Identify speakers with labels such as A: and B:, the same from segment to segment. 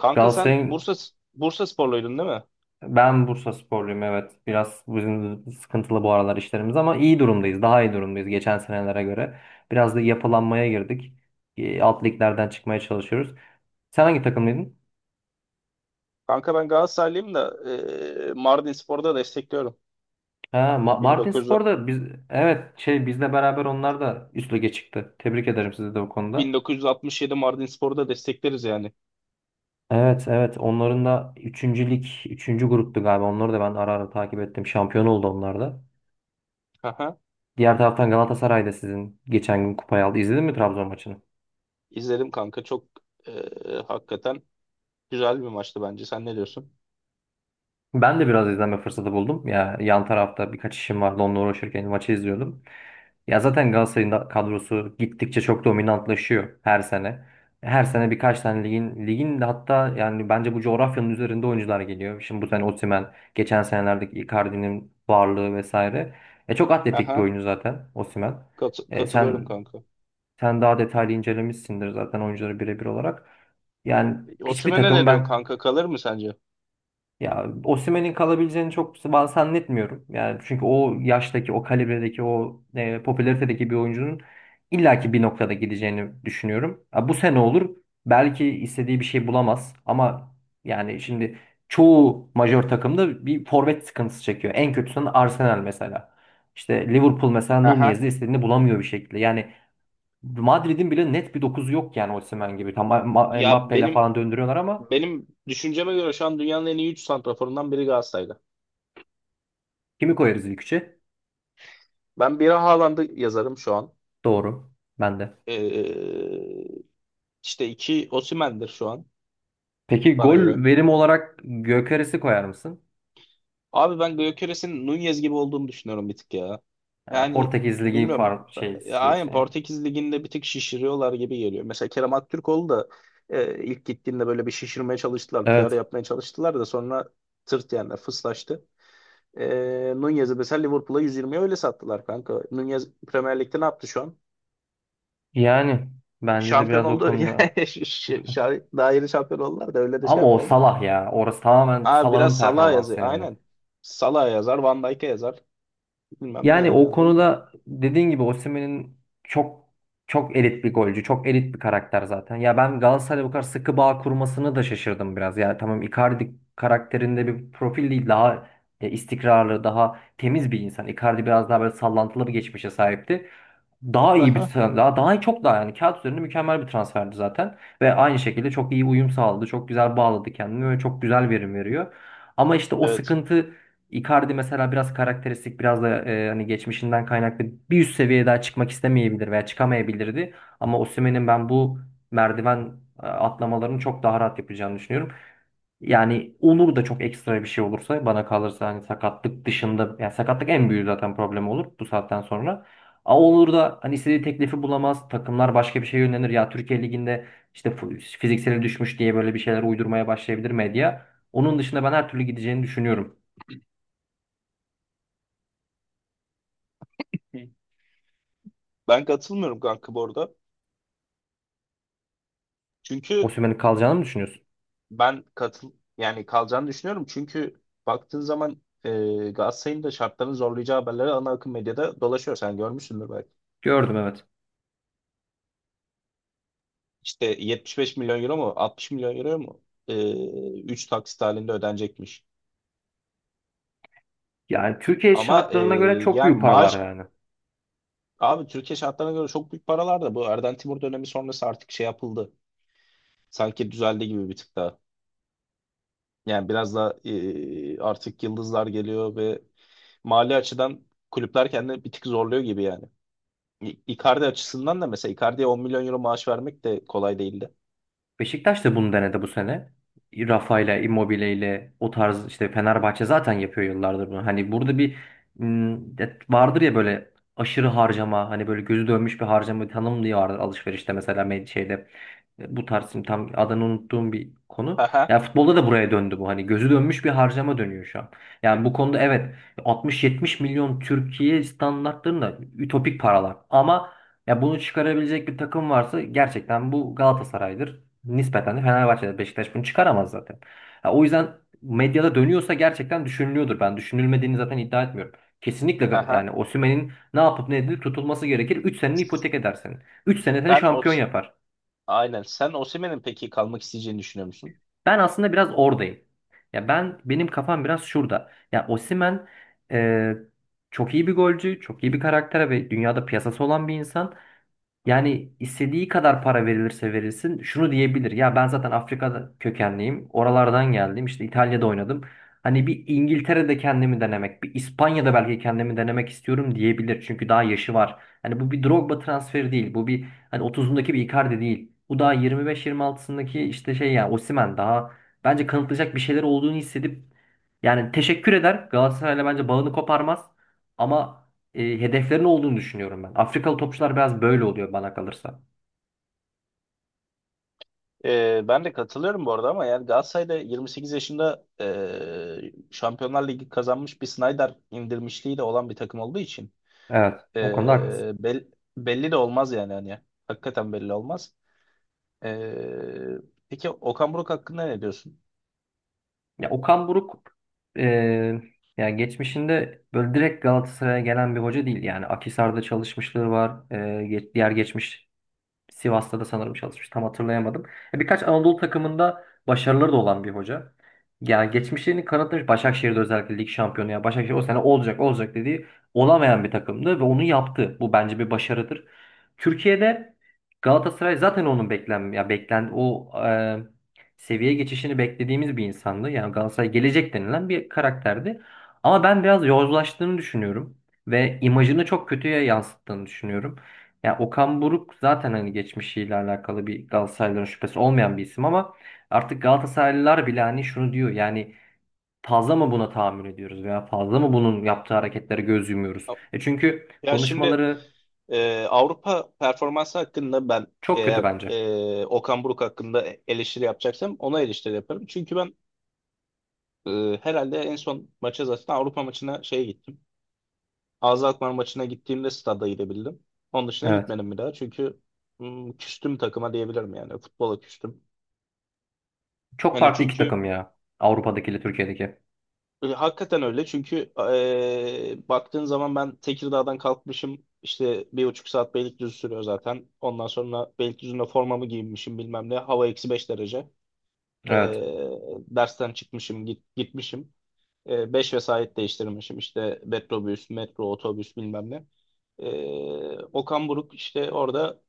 A: Kanka sen
B: Galatasaray'ın.
A: Bursa Bursa sporluydun değil mi?
B: Ben Bursasporluyum, evet. Biraz bizim sıkıntılı bu aralar işlerimiz ama iyi durumdayız. Daha iyi durumdayız geçen senelere göre. Biraz da yapılanmaya girdik. Alt liglerden çıkmaya çalışıyoruz. Sen hangi takımlıydın?
A: Kanka ben Galatasaraylıyım da Mardinspor'u da destekliyorum.
B: Ha,
A: 1900,
B: Martinspor'da biz, evet, şey, bizle beraber onlar da üst lige çıktı. Tebrik ederim sizi de bu konuda.
A: 1967 Mardinspor'u da destekleriz yani.
B: Evet, evet, onların da 3. lig 3. gruptu galiba. Onları da ben ara ara takip ettim. Şampiyon oldu onlar da.
A: Aha,
B: Diğer taraftan Galatasaray da sizin geçen gün kupayı aldı. İzledin mi Trabzon maçını?
A: izledim kanka çok e, hakikaten güzel bir maçtı bence. Sen ne diyorsun?
B: Ben de biraz izleme fırsatı buldum. Ya yan tarafta birkaç işim vardı. Onunla uğraşırken maçı izliyordum. Ya zaten Galatasaray'ın da kadrosu gittikçe çok dominantlaşıyor her sene. Her sene birkaç tane ligin de hatta, yani bence bu coğrafyanın üzerinde oyuncular geliyor. Şimdi bu sene Osimhen, geçen senelerdeki Icardi'nin varlığı vesaire. Çok atletik bir
A: Aha,
B: oyuncu zaten Osimhen. E
A: katılıyorum
B: sen
A: kanka.
B: sen daha detaylı incelemişsindir zaten oyuncuları birebir olarak. Yani hiçbir
A: Osimhen'e
B: takımı
A: ne diyorsun
B: ben,
A: kanka? Kalır mı sence?
B: ya Osimhen'in kalabileceğini çok ben zannetmiyorum. Yani çünkü o yaştaki, o kalibredeki, o popülaritedeki bir oyuncunun illaki bir noktada gideceğini düşünüyorum. Ha, bu sene olur. Belki istediği bir şey bulamaz ama yani şimdi çoğu majör takımda bir forvet sıkıntısı çekiyor. En kötüsünün Arsenal mesela. İşte Liverpool mesela
A: Aha.
B: Nunez'i istediğini bulamıyor bir şekilde. Yani Madrid'in bile net bir dokuzu yok yani Osimhen gibi. Tam
A: Ya
B: Mbappe'yle
A: benim
B: falan döndürüyorlar ama
A: benim düşünceme göre şu an dünyanın en iyi 3 santraforundan biri Galatasaray'da.
B: kimi koyarız ilk üçe?
A: Ben biri Haaland'ı yazarım şu an.
B: Doğru. Ben de.
A: E, İşte iki Osimhen'dir şu an
B: Peki
A: bana göre.
B: gol verim olarak Gökeres'i koyar mısın?
A: Abi ben Gyökeres'in Nunez gibi olduğunu düşünüyorum bir tık ya.
B: Ha,
A: Yani
B: Portekiz Ligi
A: bilmiyorum.
B: far şey
A: Ya, aynen
B: istiyorsun yani.
A: Portekiz Ligi'nde bir tık şişiriyorlar gibi geliyor. Mesela Kerem Aktürkoğlu da ilk gittiğinde böyle bir şişirmeye çalıştılar. PR
B: Evet.
A: yapmaya çalıştılar da sonra tırt yani fıslaştı. E, Nunez'i mesela Liverpool'a 120'ye öyle sattılar kanka. Nunez Premier Lig'de ne yaptı şu an?
B: Yani bence de
A: Şampiyon
B: biraz o
A: oldu.
B: konuda.
A: Yani daha yeni şampiyon oldular da öyle de şey
B: Ama o
A: yapmayalım.
B: Salah ya. Orası tamamen
A: Abi
B: Salah'ın
A: biraz Salah
B: performansı
A: yazıyor.
B: yani.
A: Aynen. Salah yazar, Van Dijk'e yazar. Bilmem ne
B: Yani
A: yani
B: o
A: anladın mı?
B: konuda dediğin gibi Osimhen'in çok çok elit bir golcü, çok elit bir karakter zaten. Ya ben Galatasaray'la bu kadar sıkı bağ kurmasını da şaşırdım biraz. Ya tamam Icardi karakterinde bir profil değil, daha istikrarlı, daha temiz bir insan. Icardi biraz daha böyle sallantılı bir geçmişe sahipti. Daha iyi bir
A: Aha,
B: çok daha, yani kağıt üzerinde mükemmel bir transferdi zaten ve aynı şekilde çok iyi uyum sağladı. Çok güzel bağladı kendini ve çok güzel verim veriyor. Ama işte o
A: evet.
B: sıkıntı, Icardi mesela biraz karakteristik, biraz da hani geçmişinden kaynaklı bir üst seviyeye daha çıkmak istemeyebilir veya çıkamayabilirdi. Ama Osimhen'in ben bu merdiven atlamalarını çok daha rahat yapacağını düşünüyorum. Yani olur da çok ekstra bir şey olursa bana kalırsa hani sakatlık dışında, yani sakatlık en büyük zaten problem olur bu saatten sonra. A olur da hani istediği teklifi bulamaz. Takımlar başka bir şeye yönelir. Ya Türkiye Ligi'nde işte fizikseli düşmüş diye böyle bir şeyler uydurmaya başlayabilir medya. Onun dışında ben her türlü gideceğini düşünüyorum.
A: Hı. Ben katılmıyorum kanka bu arada. Çünkü
B: Osimhen'in kalacağını mı düşünüyorsun?
A: ben katıl yani kalacağını düşünüyorum. Çünkü baktığın zaman Galatasaray'ın da şartlarını zorlayacağı haberleri ana akım medyada dolaşıyor. Sen görmüşsündür belki.
B: Gördüm, evet.
A: İşte 75 milyon euro mu 60 milyon euro mu? 3 taksit halinde ödenecekmiş.
B: Yani Türkiye
A: Ama
B: şartlarına göre çok
A: yani
B: büyük paralar yani.
A: abi Türkiye şartlarına göre çok büyük paralar da bu Erden Timur dönemi sonrası artık şey yapıldı. Sanki düzeldi gibi bir tık daha. Yani biraz da artık yıldızlar geliyor ve mali açıdan kulüpler kendini bir tık zorluyor gibi yani. Icardi açısından da mesela Icardi'ye 10 milyon euro maaş vermek de kolay değildi.
B: Beşiktaş da bunu denedi bu sene. Rafa'yla, Immobile'yle o tarz, işte Fenerbahçe zaten yapıyor yıllardır bunu. Hani burada bir vardır ya böyle aşırı harcama, hani böyle gözü dönmüş bir harcama tanım diye vardır alışverişte mesela, şeyde. Bu tarz, şimdi tam adını unuttuğum bir konu.
A: Haha,
B: Ya futbolda da buraya döndü bu. Hani gözü dönmüş bir harcama dönüyor şu an. Yani bu konuda evet, 60-70 milyon Türkiye standartlarında ütopik paralar ama ya bunu çıkarabilecek bir takım varsa gerçekten bu Galatasaray'dır. Nispeten de Fenerbahçe'de Beşiktaş bunu çıkaramaz zaten. Ha, o yüzden medyada dönüyorsa gerçekten düşünülüyordur. Ben düşünülmediğini zaten iddia etmiyorum. Kesinlikle, yani
A: haha.
B: Osimhen'in ne yapıp ne edilip tutulması gerekir. 3 seneni ipotek eder senin. 3 sene seni
A: Sen o
B: şampiyon yapar.
A: aynen sen Osimhen'in peki kalmak isteyeceğini düşünüyor musun?
B: Ben aslında biraz oradayım. Ya ben, benim kafam biraz şurada. Ya Osimhen e, çok iyi bir golcü, çok iyi bir karaktere ve dünyada piyasası olan bir insan. Yani istediği kadar para verilirse verilsin şunu diyebilir. Ya ben zaten Afrika kökenliyim. Oralardan geldim. İşte İtalya'da oynadım. Hani bir İngiltere'de kendimi denemek, bir İspanya'da belki kendimi denemek istiyorum diyebilir. Çünkü daha yaşı var. Hani bu bir Drogba transferi değil. Bu bir, hani 30'undaki bir Icardi değil. Bu daha 25-26'sındaki işte şey, yani Osimhen daha bence kanıtlayacak bir şeyler olduğunu hissedip yani teşekkür eder. Galatasaray'la bence bağını koparmaz. Ama hedeflerin olduğunu düşünüyorum ben. Afrikalı topçular biraz böyle oluyor bana kalırsa.
A: Ben de katılıyorum bu arada ama yani Galatasaray'da 28 yaşında Şampiyonlar Ligi kazanmış bir Snyder indirmişliği de olan bir takım olduğu için.
B: Evet, o konuda haklısın.
A: Ee, bel- Belli de olmaz yani hani. Hakikaten belli olmaz. Ee, peki Okan Buruk hakkında ne diyorsun?
B: Ya Okan Buruk e, yani geçmişinde böyle direkt Galatasaray'a gelen bir hoca değil. Yani Akhisar'da çalışmışlığı var. Diğer geçmiş Sivas'ta da sanırım çalışmış. Tam hatırlayamadım. Birkaç Anadolu takımında başarıları da olan bir hoca. Yani geçmişlerini kanıtlamış. Başakşehir'de özellikle lig şampiyonu. Yani Başakşehir o sene olacak olacak dediği olamayan bir takımdı ve onu yaptı. Bu bence bir başarıdır. Türkiye'de Galatasaray zaten onun beklen ya beklen o e, seviye geçişini beklediğimiz bir insandı. Yani Galatasaray gelecek denilen bir karakterdi. Ama ben biraz yozlaştığını düşünüyorum ve imajını çok kötüye yansıttığını düşünüyorum. Yani Okan Buruk zaten hani geçmişiyle alakalı bir Galatasaraylıların şüphesi olmayan bir isim ama artık Galatasaraylılar bile hani şunu diyor, yani fazla mı buna tahammül ediyoruz veya fazla mı bunun yaptığı hareketlere göz yumuyoruz? Çünkü
A: Ya şimdi
B: konuşmaları
A: Avrupa performansı hakkında ben
B: çok kötü
A: eğer
B: bence.
A: Okan Buruk hakkında eleştiri yapacaksam ona eleştiri yaparım. Çünkü ben herhalde en son maça zaten Avrupa maçına şeye gittim. AZ Alkmaar maçına gittiğimde stada gidebildim. Onun dışına
B: Evet.
A: gitmedim bir daha çünkü küstüm takıma diyebilirim yani futbola küstüm.
B: Çok
A: Hani
B: farklı iki
A: çünkü
B: takım ya. Avrupa'dakiyle Türkiye'deki.
A: Hakikaten öyle çünkü baktığın zaman ben Tekirdağ'dan kalkmışım işte 1,5 saat Beylikdüzü sürüyor zaten. Ondan sonra Beylikdüzü'nde formamı giyinmişim bilmem ne hava -5 derece. E,
B: Evet.
A: Dersten çıkmışım gitmişim. Beş vesait değiştirmişim işte metrobüs, metro, otobüs bilmem ne. Okan Buruk işte orada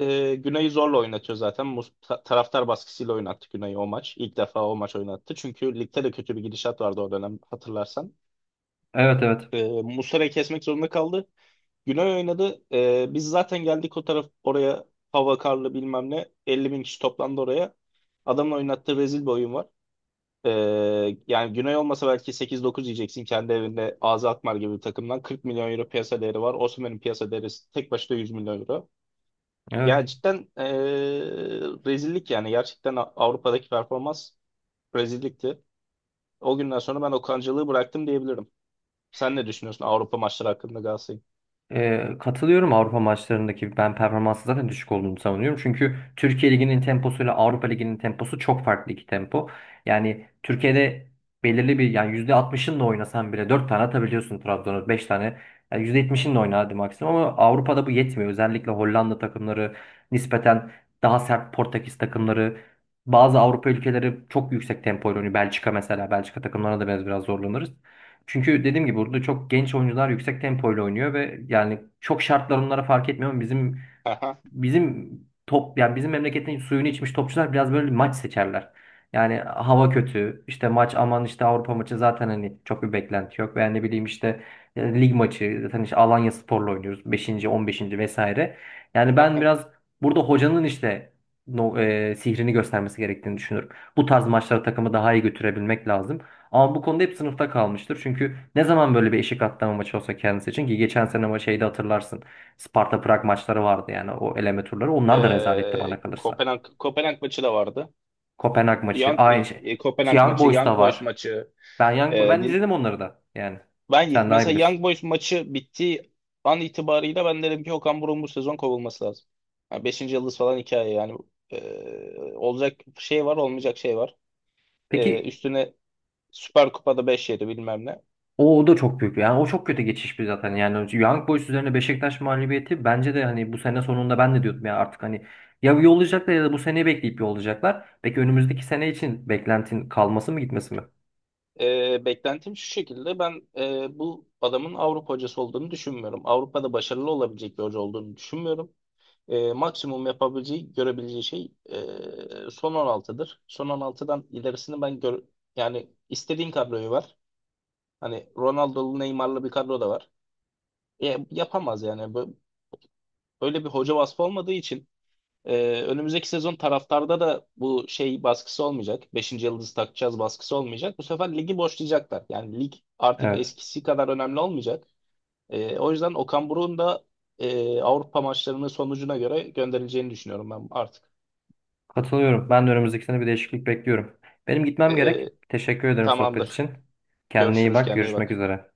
A: Güney'i zorla oynatıyor zaten. Taraftar baskısıyla oynattı Güney'i o maç. İlk defa o maç oynattı. Çünkü ligde de kötü bir gidişat vardı o dönem hatırlarsan.
B: Evet, evet.
A: Muslera'yı kesmek zorunda kaldı. Günay oynadı. Biz zaten geldik o taraf oraya, hava karlı bilmem ne. 50 bin kişi toplandı oraya. Adamın oynattığı rezil bir oyun var. E, Yani Günay olmasa belki 8-9 yiyeceksin kendi evinde Ağzı Alkmaar gibi bir takımdan. 40 milyon euro piyasa değeri var. Osimhen'in piyasa değeri tek başına 100 milyon euro.
B: Evet.
A: Ya cidden rezillik yani. Gerçekten Avrupa'daki performans rezillikti. O günden sonra ben Okan'cılığı bıraktım diyebilirim. Sen ne düşünüyorsun Avrupa maçları hakkında Galatasaray'ın?
B: Katılıyorum, Avrupa maçlarındaki ben performansı zaten düşük olduğunu savunuyorum. Çünkü Türkiye Ligi'nin temposuyla Avrupa Ligi'nin temposu çok farklı iki tempo. Yani Türkiye'de belirli bir, yani %60'ınla oynasan bile 4 tane atabiliyorsun Trabzon'a, 5 tane. Yani %70'inle oyna hadi maksimum, ama Avrupa'da bu yetmiyor. Özellikle Hollanda takımları nispeten daha sert, Portekiz takımları, bazı Avrupa ülkeleri çok yüksek tempoyla oynuyor. Belçika mesela, Belçika takımlarına da biraz zorlanırız. Çünkü dediğim gibi burada çok genç oyuncular yüksek tempoyla oynuyor ve yani çok şartlar onlara fark etmiyor ama bizim bizim top, yani bizim memleketin suyunu içmiş topçular biraz böyle maç seçerler. Yani hava kötü işte, maç aman işte, Avrupa maçı zaten hani çok bir beklenti yok veya ne bileyim, işte lig maçı zaten, işte Alanya Spor'la oynuyoruz beşinci, on beşinci vesaire. Yani ben
A: Aha.
B: biraz burada hocanın işte no, e, sihrini göstermesi gerektiğini düşünüyorum. Bu tarz maçlara takımı daha iyi götürebilmek lazım. Ama bu konuda hep sınıfta kalmıştır. Çünkü ne zaman böyle bir eşik atlama maçı olsa kendisi için, ki geçen sene ama şeyde hatırlarsın. Sparta Prag maçları vardı, yani o eleme turları. Onlar da rezaletti bana kalırsa.
A: Kopenhag maçı da vardı.
B: Kopenhag maçı
A: Young,
B: aynı şey.
A: Kopenhag
B: Young
A: maçı,
B: Boys
A: Young
B: da
A: Boys
B: var.
A: maçı.
B: Ben
A: e, din,
B: izledim onları da yani. Sen daha iyi
A: Mesela
B: bilirsin.
A: Young Boys maçı bittiği an itibarıyla ben dedim ki Okan Buruk'un bu sezon kovulması lazım. Yani 5. yıldız falan hikaye yani. Olacak şey var, olmayacak şey var.
B: Peki
A: Üstüne Süper Kupa'da 5-7 bilmem ne.
B: o da çok büyük, yani o çok kötü geçiş bir zaten, yani Young Boys üzerine Beşiktaş mağlubiyeti bence de, hani bu sene sonunda ben de diyordum ya artık hani ya yollayacaklar ya da bu seneyi bekleyip yollayacaklar. Peki önümüzdeki sene için beklentin kalması mı, gitmesi mi?
A: Beklentim şu şekilde, ben bu adamın Avrupa hocası olduğunu düşünmüyorum. Avrupa'da başarılı olabilecek bir hoca olduğunu düşünmüyorum. Maksimum yapabileceği, görebileceği şey son 16'dır. Son 16'dan ilerisini ben gör yani istediğin kadroyu var. Hani Ronaldo'lu, Neymar'lı bir kadro da var. Yapamaz yani. Böyle bir hoca vasfı olmadığı için önümüzdeki sezon taraftarda da bu şey baskısı olmayacak. Beşinci yıldız takacağız baskısı olmayacak. Bu sefer ligi boşlayacaklar. Yani lig artık
B: Evet.
A: eskisi kadar önemli olmayacak. O yüzden Okan Buruk'un da Avrupa maçlarının sonucuna göre gönderileceğini düşünüyorum ben artık.
B: Katılıyorum. Ben de önümüzdeki sene bir değişiklik bekliyorum. Benim gitmem
A: E,
B: gerek. Teşekkür ederim sohbet
A: Tamamdır.
B: için. Kendine iyi
A: Görüşürüz.
B: bak.
A: Kendine iyi
B: Görüşmek
A: bak.
B: üzere.